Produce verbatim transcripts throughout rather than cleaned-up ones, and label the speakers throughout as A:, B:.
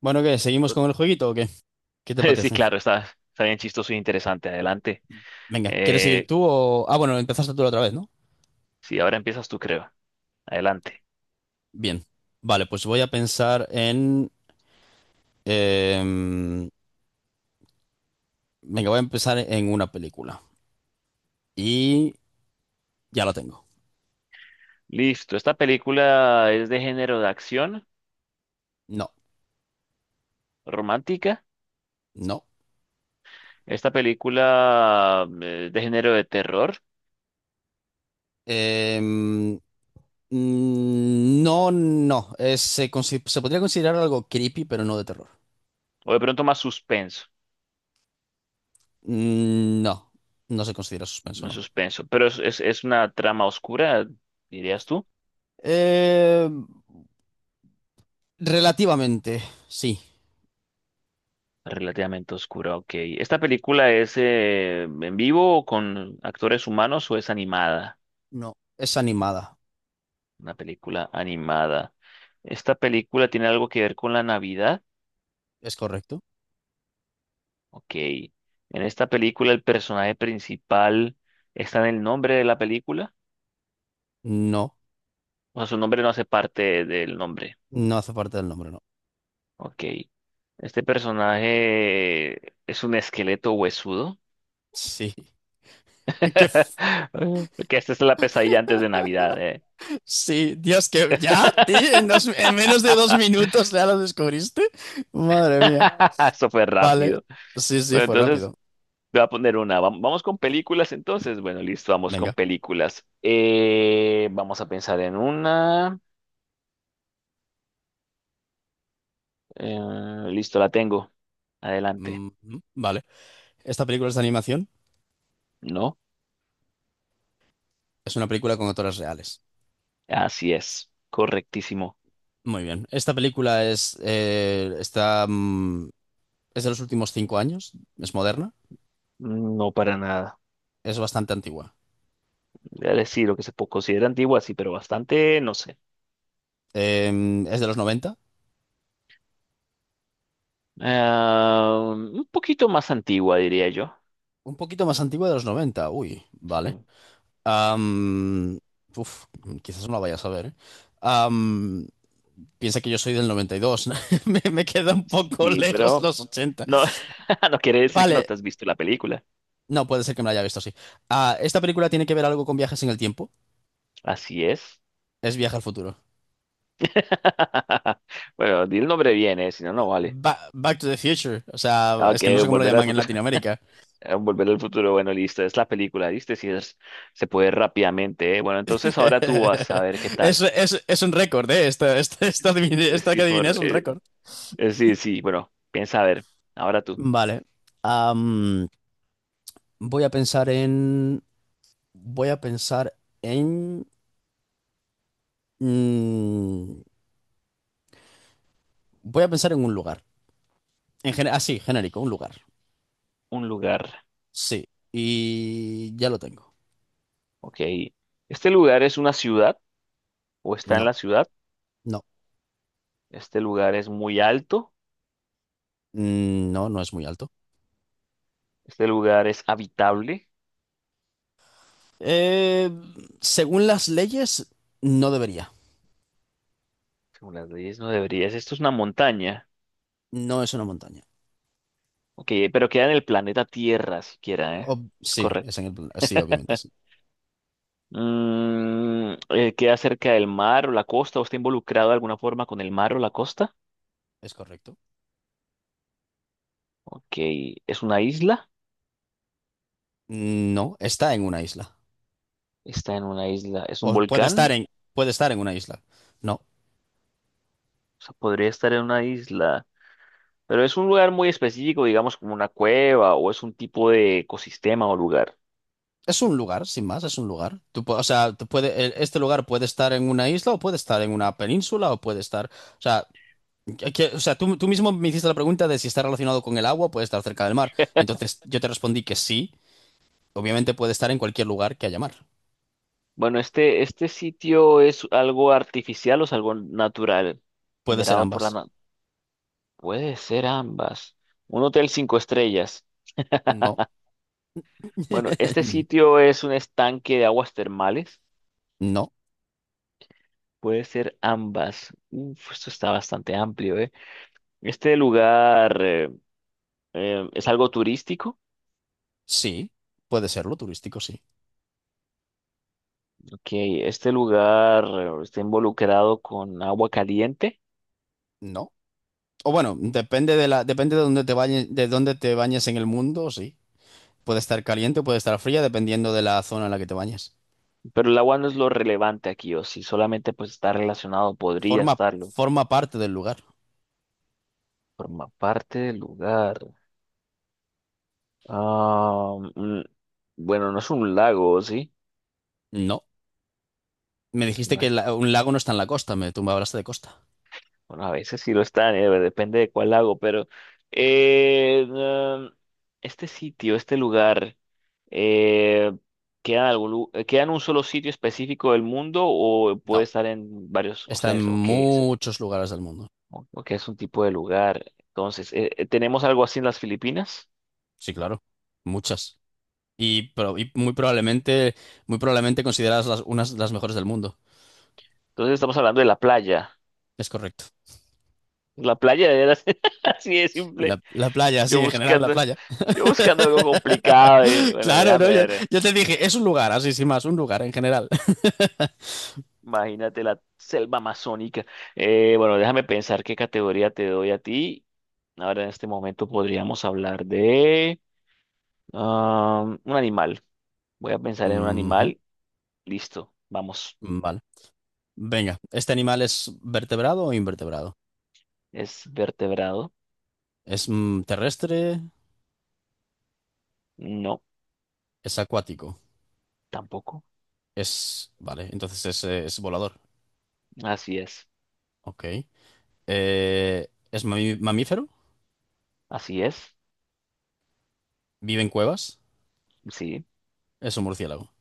A: Bueno, ¿qué? ¿Seguimos con el jueguito o qué? ¿Qué te
B: Sí,
A: parece?
B: claro, está, está bien chistoso y interesante. Adelante.
A: Venga, ¿quieres seguir
B: Eh,
A: tú o...? Ah, bueno, empezaste tú la otra vez, ¿no?
B: sí, ahora empiezas tú, creo. Adelante.
A: Bien. Vale, pues voy a pensar en... em, venga, voy a empezar en una película. Y ya la tengo.
B: Listo. Esta película es de género de acción
A: No,
B: romántica.
A: no.
B: Esta película eh, de género de terror.
A: Em, mm, no, no. Eh, se, consi- se podría considerar algo creepy, pero no de terror.
B: O de pronto más suspenso.
A: Mm, no, no se considera suspenso,
B: No
A: ¿no?
B: suspenso. Pero es, es, es una trama oscura, dirías tú.
A: Em, relativamente, sí.
B: Relativamente oscura, ok. ¿Esta película es eh, en vivo o con actores humanos o es animada?
A: No, es animada.
B: Una película animada. ¿Esta película tiene algo que ver con la Navidad?
A: Es correcto.
B: Ok. ¿En esta película el personaje principal está en el nombre de la película?
A: No,
B: O sea, su nombre no hace parte del nombre.
A: no hace parte del nombre, no.
B: Ok. ¿Este personaje es un esqueleto huesudo?
A: Sí. Qué f-
B: Que esta es La pesadilla antes de Navidad, ¿eh?
A: sí, Dios, que ya, tío, en, dos- en menos de dos minutos ya lo descubriste. Madre mía.
B: Eso fue
A: Vale.
B: rápido.
A: Sí, sí,
B: Bueno,
A: fue
B: entonces
A: rápido.
B: te voy a poner una. Vam- Vamos con películas entonces. Bueno, listo, vamos con
A: Venga.
B: películas. Eh, vamos a pensar en una. Eh, Listo, la tengo. Adelante.
A: Mm, vale. Esta película es de animación.
B: ¿No?
A: Es una película con actores reales.
B: Así es. Correctísimo.
A: Muy bien. Esta película es, eh, está, mm, es de los últimos cinco años. Es moderna.
B: No, para nada.
A: Es bastante antigua.
B: Voy a decir lo que se po- considera antigua, sí, pero bastante, no sé.
A: Em, es de los noventa,
B: Ah, un poquito más antigua, diría yo.
A: un poquito más antigua de los noventa. Uy, vale.
B: Sí,
A: Am, uf, quizás no la vaya a ver, ¿eh? Am, piensa que yo soy del noventa y dos. Me, me queda un poco
B: sí,
A: lejos
B: pero
A: los ochenta.
B: no, no quiere decir que no
A: Vale,
B: te has visto la película.
A: no puede ser que me la haya visto así. Ah, esta película tiene que ver algo con viajes en el tiempo.
B: Así es.
A: Es Viaje al futuro.
B: Bueno, di el nombre bien, eh, si no, no vale.
A: Ba- Back to the Future. O sea,
B: Ah,
A: es que no
B: que
A: sé cómo lo
B: Volver al
A: llaman en
B: futuro.
A: Latinoamérica.
B: Eh, Volver al futuro, bueno, listo, es la película, ¿viste? Si es, se puede rápidamente, eh. Bueno, entonces ahora tú vas a ver qué
A: Es,
B: tal.
A: es- es un récord, ¿eh? Esta, esta, esta
B: Sí,
A: adivin- esta que
B: sí,
A: adiviné es
B: por,
A: un
B: eh,
A: récord.
B: eh, sí, sí, bueno, piensa a ver. Ahora tú,
A: Vale. Am, voy a pensar en. Voy a pensar en. Mm, voy a pensar en un lugar. En gen- así, genérico, un lugar.
B: un lugar,
A: Sí. Y ya lo tengo.
B: ok. ¿Este lugar es una ciudad o está en
A: No,
B: la ciudad?
A: no.
B: ¿Este lugar es muy alto?
A: Mm, no, no es muy alto.
B: ¿Este lugar es habitable?
A: Eh, según las leyes, no debería.
B: Según las leyes no deberías. Esto es una montaña.
A: No es una montaña.
B: Ok, pero queda en el planeta Tierra siquiera, ¿eh?
A: Ob-
B: Es
A: sí, es
B: correcto.
A: en el plan- sí, obviamente sí.
B: Mm, eh, ¿queda cerca del mar o la costa? ¿O está involucrado de alguna forma con el mar o la costa?
A: Es correcto.
B: Ok, ¿es una isla?
A: No, está en una isla.
B: Está en una isla. ¿Es un
A: O puede estar
B: volcán?
A: en, puede estar en una isla. No.
B: O sea, podría estar en una isla. Pero es un lugar muy específico, digamos como una cueva o es un tipo de ecosistema o lugar.
A: Es un lugar, sin más, es un lugar. Tú, pu- o sea, tú puede, el- este lugar puede estar en una isla o puede estar en una península o puede estar... O sea, que- o sea, tú, tú mismo me hiciste la pregunta de si está relacionado con el agua, puede estar cerca del mar. Entonces yo te respondí que sí, obviamente puede estar en cualquier lugar que haya mar.
B: Bueno, este, este sitio es algo artificial o es algo natural,
A: Puede ser
B: generado por la...
A: ambas.
B: na- Puede ser ambas. Un hotel cinco estrellas.
A: No,
B: Bueno, este sitio es un estanque de aguas termales.
A: no,
B: Puede ser ambas. Uf, esto está bastante amplio, ¿eh? Este lugar eh, eh, es algo turístico.
A: sí, puede serlo, turístico sí.
B: Ok, este lugar eh, está involucrado con agua caliente,
A: No. O bueno, depende de la, depende de dónde te bañes, de dónde te bañes en el mundo, sí. Puede estar caliente o puede estar fría, dependiendo de la zona en la que te bañes.
B: pero el agua no es lo relevante aquí, o si solamente pues está relacionado, podría
A: Forma,
B: estarlo.
A: forma parte del lugar.
B: Forma parte del lugar. Ah, mm, bueno, no es un lago, ¿sí?
A: No. Me
B: Es
A: dijiste que
B: una...
A: la- un lago no está en la costa, me, tú me hablaste de costa.
B: Bueno, a veces sí lo están, eh, depende de cuál hago, pero eh, mm, este sitio, este lugar, eh, ¿queda en algún, lu- eh, queda en un solo sitio específico del mundo o puede
A: No.
B: estar en varios, o
A: Está
B: sea,
A: en
B: es, o qué es,
A: muchos lugares del mundo.
B: o, o qué es un tipo de lugar? Entonces, eh, eh, ¿tenemos algo así en las Filipinas?
A: Sí, claro. Muchas. Y, pro- y muy probablemente, muy probablemente consideradas las, unas de las mejores del mundo.
B: Entonces estamos hablando de la playa.
A: Es correcto.
B: La playa de veras, así de
A: La,
B: simple.
A: la playa,
B: Yo
A: sí, en general la
B: buscando,
A: playa.
B: yo buscando algo complicado. eh, Bueno,
A: Claro,
B: déjame
A: ¿no? Yo,
B: ver.
A: yo te dije, es un lugar, así sin más, un lugar en general.
B: Imagínate la selva amazónica. Eh, bueno, déjame pensar qué categoría te doy a ti. Ahora en este momento podríamos hablar de ah, un animal. Voy a pensar en un
A: Ujú,
B: animal. Listo, vamos.
A: vale. Venga, ¿este animal es vertebrado o invertebrado?
B: ¿Es vertebrado?
A: ¿Es mm, terrestre?
B: No,
A: ¿Es acuático?
B: tampoco.
A: Es... Vale, entonces es, eh, es volador.
B: Así es.
A: Ok. Eh, ¿es mami- mamífero?
B: Así es.
A: ¿Vive en cuevas?
B: Sí.
A: Es un murciélago.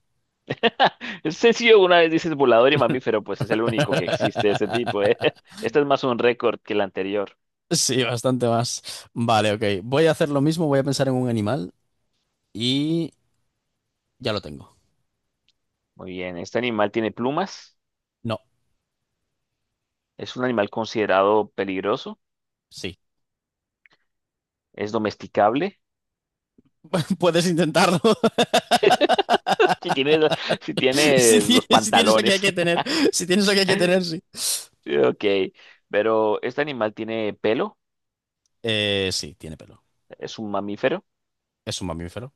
B: Es sencillo, una vez dices volador y mamífero, pues es el único que existe de ese tipo, ¿eh? Este es más un récord que el anterior.
A: Sí, bastante más. Vale, ok. Voy a hacer lo mismo, voy a pensar en un animal y ya lo tengo.
B: Muy bien, ¿este animal tiene plumas?
A: No,
B: ¿Es un animal considerado peligroso?
A: sí.
B: ¿Es domesticable?
A: Puedes intentarlo.
B: Si tienes, si
A: Si
B: tienes los
A: tienes, si tienes lo que hay
B: pantalones.
A: que tener. Si tienes lo que hay que tener, sí.
B: Ok. Pero ¿este animal tiene pelo?
A: Eh, sí, tiene pelo.
B: ¿Es un mamífero?
A: ¿Es un mamífero?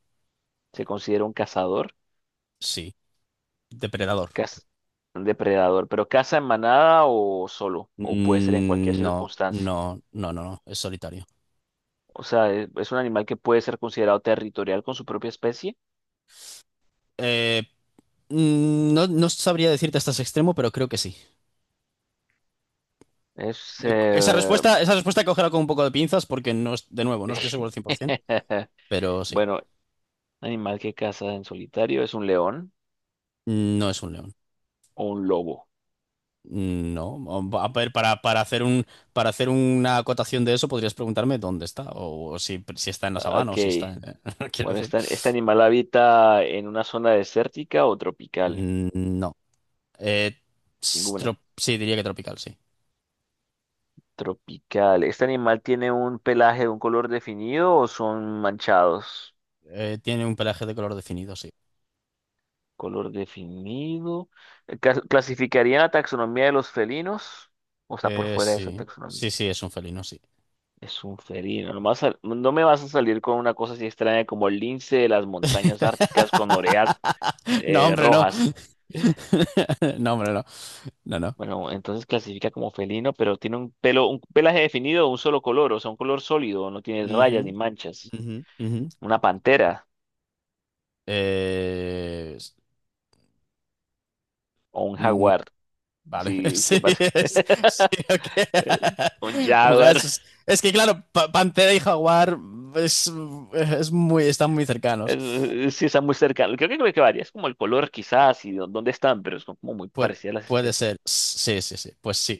B: ¿Se considera un cazador?
A: Sí. ¿Depredador?
B: ¿Caz- ¿Un depredador? ¿Pero caza en manada o solo? ¿O puede ser en cualquier
A: Mm, no,
B: circunstancia?
A: no, no, no, no. Es solitario.
B: O sea, ¿es es un animal que puede ser considerado territorial con su propia especie?
A: Eh, mm, no, no sabría decirte hasta ese extremo, pero creo que sí.
B: Es...
A: Esa
B: eh,
A: respuesta, esa respuesta cógela con un poco de pinzas porque no es, de nuevo, no estoy seguro al cien por ciento, pero sí,
B: Bueno, animal que caza en solitario es un león
A: no es un león.
B: o un lobo.
A: No, a ver, para, para hacer un, para hacer una acotación de eso podrías preguntarme dónde está, o, si, si está en la sabana,
B: Ok.
A: o si está en... Quiero
B: Bueno,
A: decir,
B: ¿este, este animal habita en una zona desértica o tropical?
A: Mm, no. Eh,
B: Ninguna.
A: trop- sí, diría que tropical, sí.
B: Tropical. ¿Este animal tiene un pelaje de un color definido o son manchados?
A: Eh, tiene un pelaje de color definido, sí.
B: Color definido. Ca- ¿Clasificaría en la taxonomía de los felinos? O está por
A: Eh,
B: fuera de esa
A: sí,
B: taxonomía.
A: sí, sí, es un felino, sí.
B: Es un felino. No, vas a- no me vas a salir con una cosa así extraña como el lince de las montañas árticas con orejas
A: No,
B: eh,
A: hombre, no.
B: rojas.
A: No, hombre, no. No, no.
B: Bueno, entonces clasifica como felino, pero tiene un pelo, un pelaje definido, un solo color, o sea, un color sólido, no tiene
A: Ujú,
B: rayas ni manchas.
A: ujú, ujú.
B: Una pantera
A: Eh, s-
B: o un
A: mm,
B: jaguar,
A: vale,
B: si te
A: sí,
B: parece.
A: es, sí,
B: el- Un
A: ok. Mujeres,
B: jaguar,
A: es, es que claro, pa- Pantera y Jaguar es, es muy, están muy cercanos.
B: eh, sí está muy cercano. Creo que, creo que varía, es como el color quizás y dó- dónde están, pero son como muy
A: Puede,
B: parecidas las
A: puede
B: especies.
A: ser, sí, sí, sí, pues sí.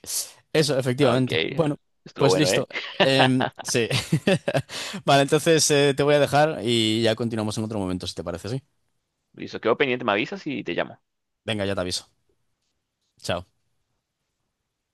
A: Eso,
B: Ok,
A: efectivamente. Bueno,
B: estuvo
A: pues
B: bueno,
A: listo.
B: ¿eh?
A: Em, sí. Vale, entonces eh, te voy a dejar y ya continuamos en otro momento, si te parece, ¿sí?
B: Listo, quedo pendiente, me avisas y te llamo.
A: Venga, ya te aviso. Chao.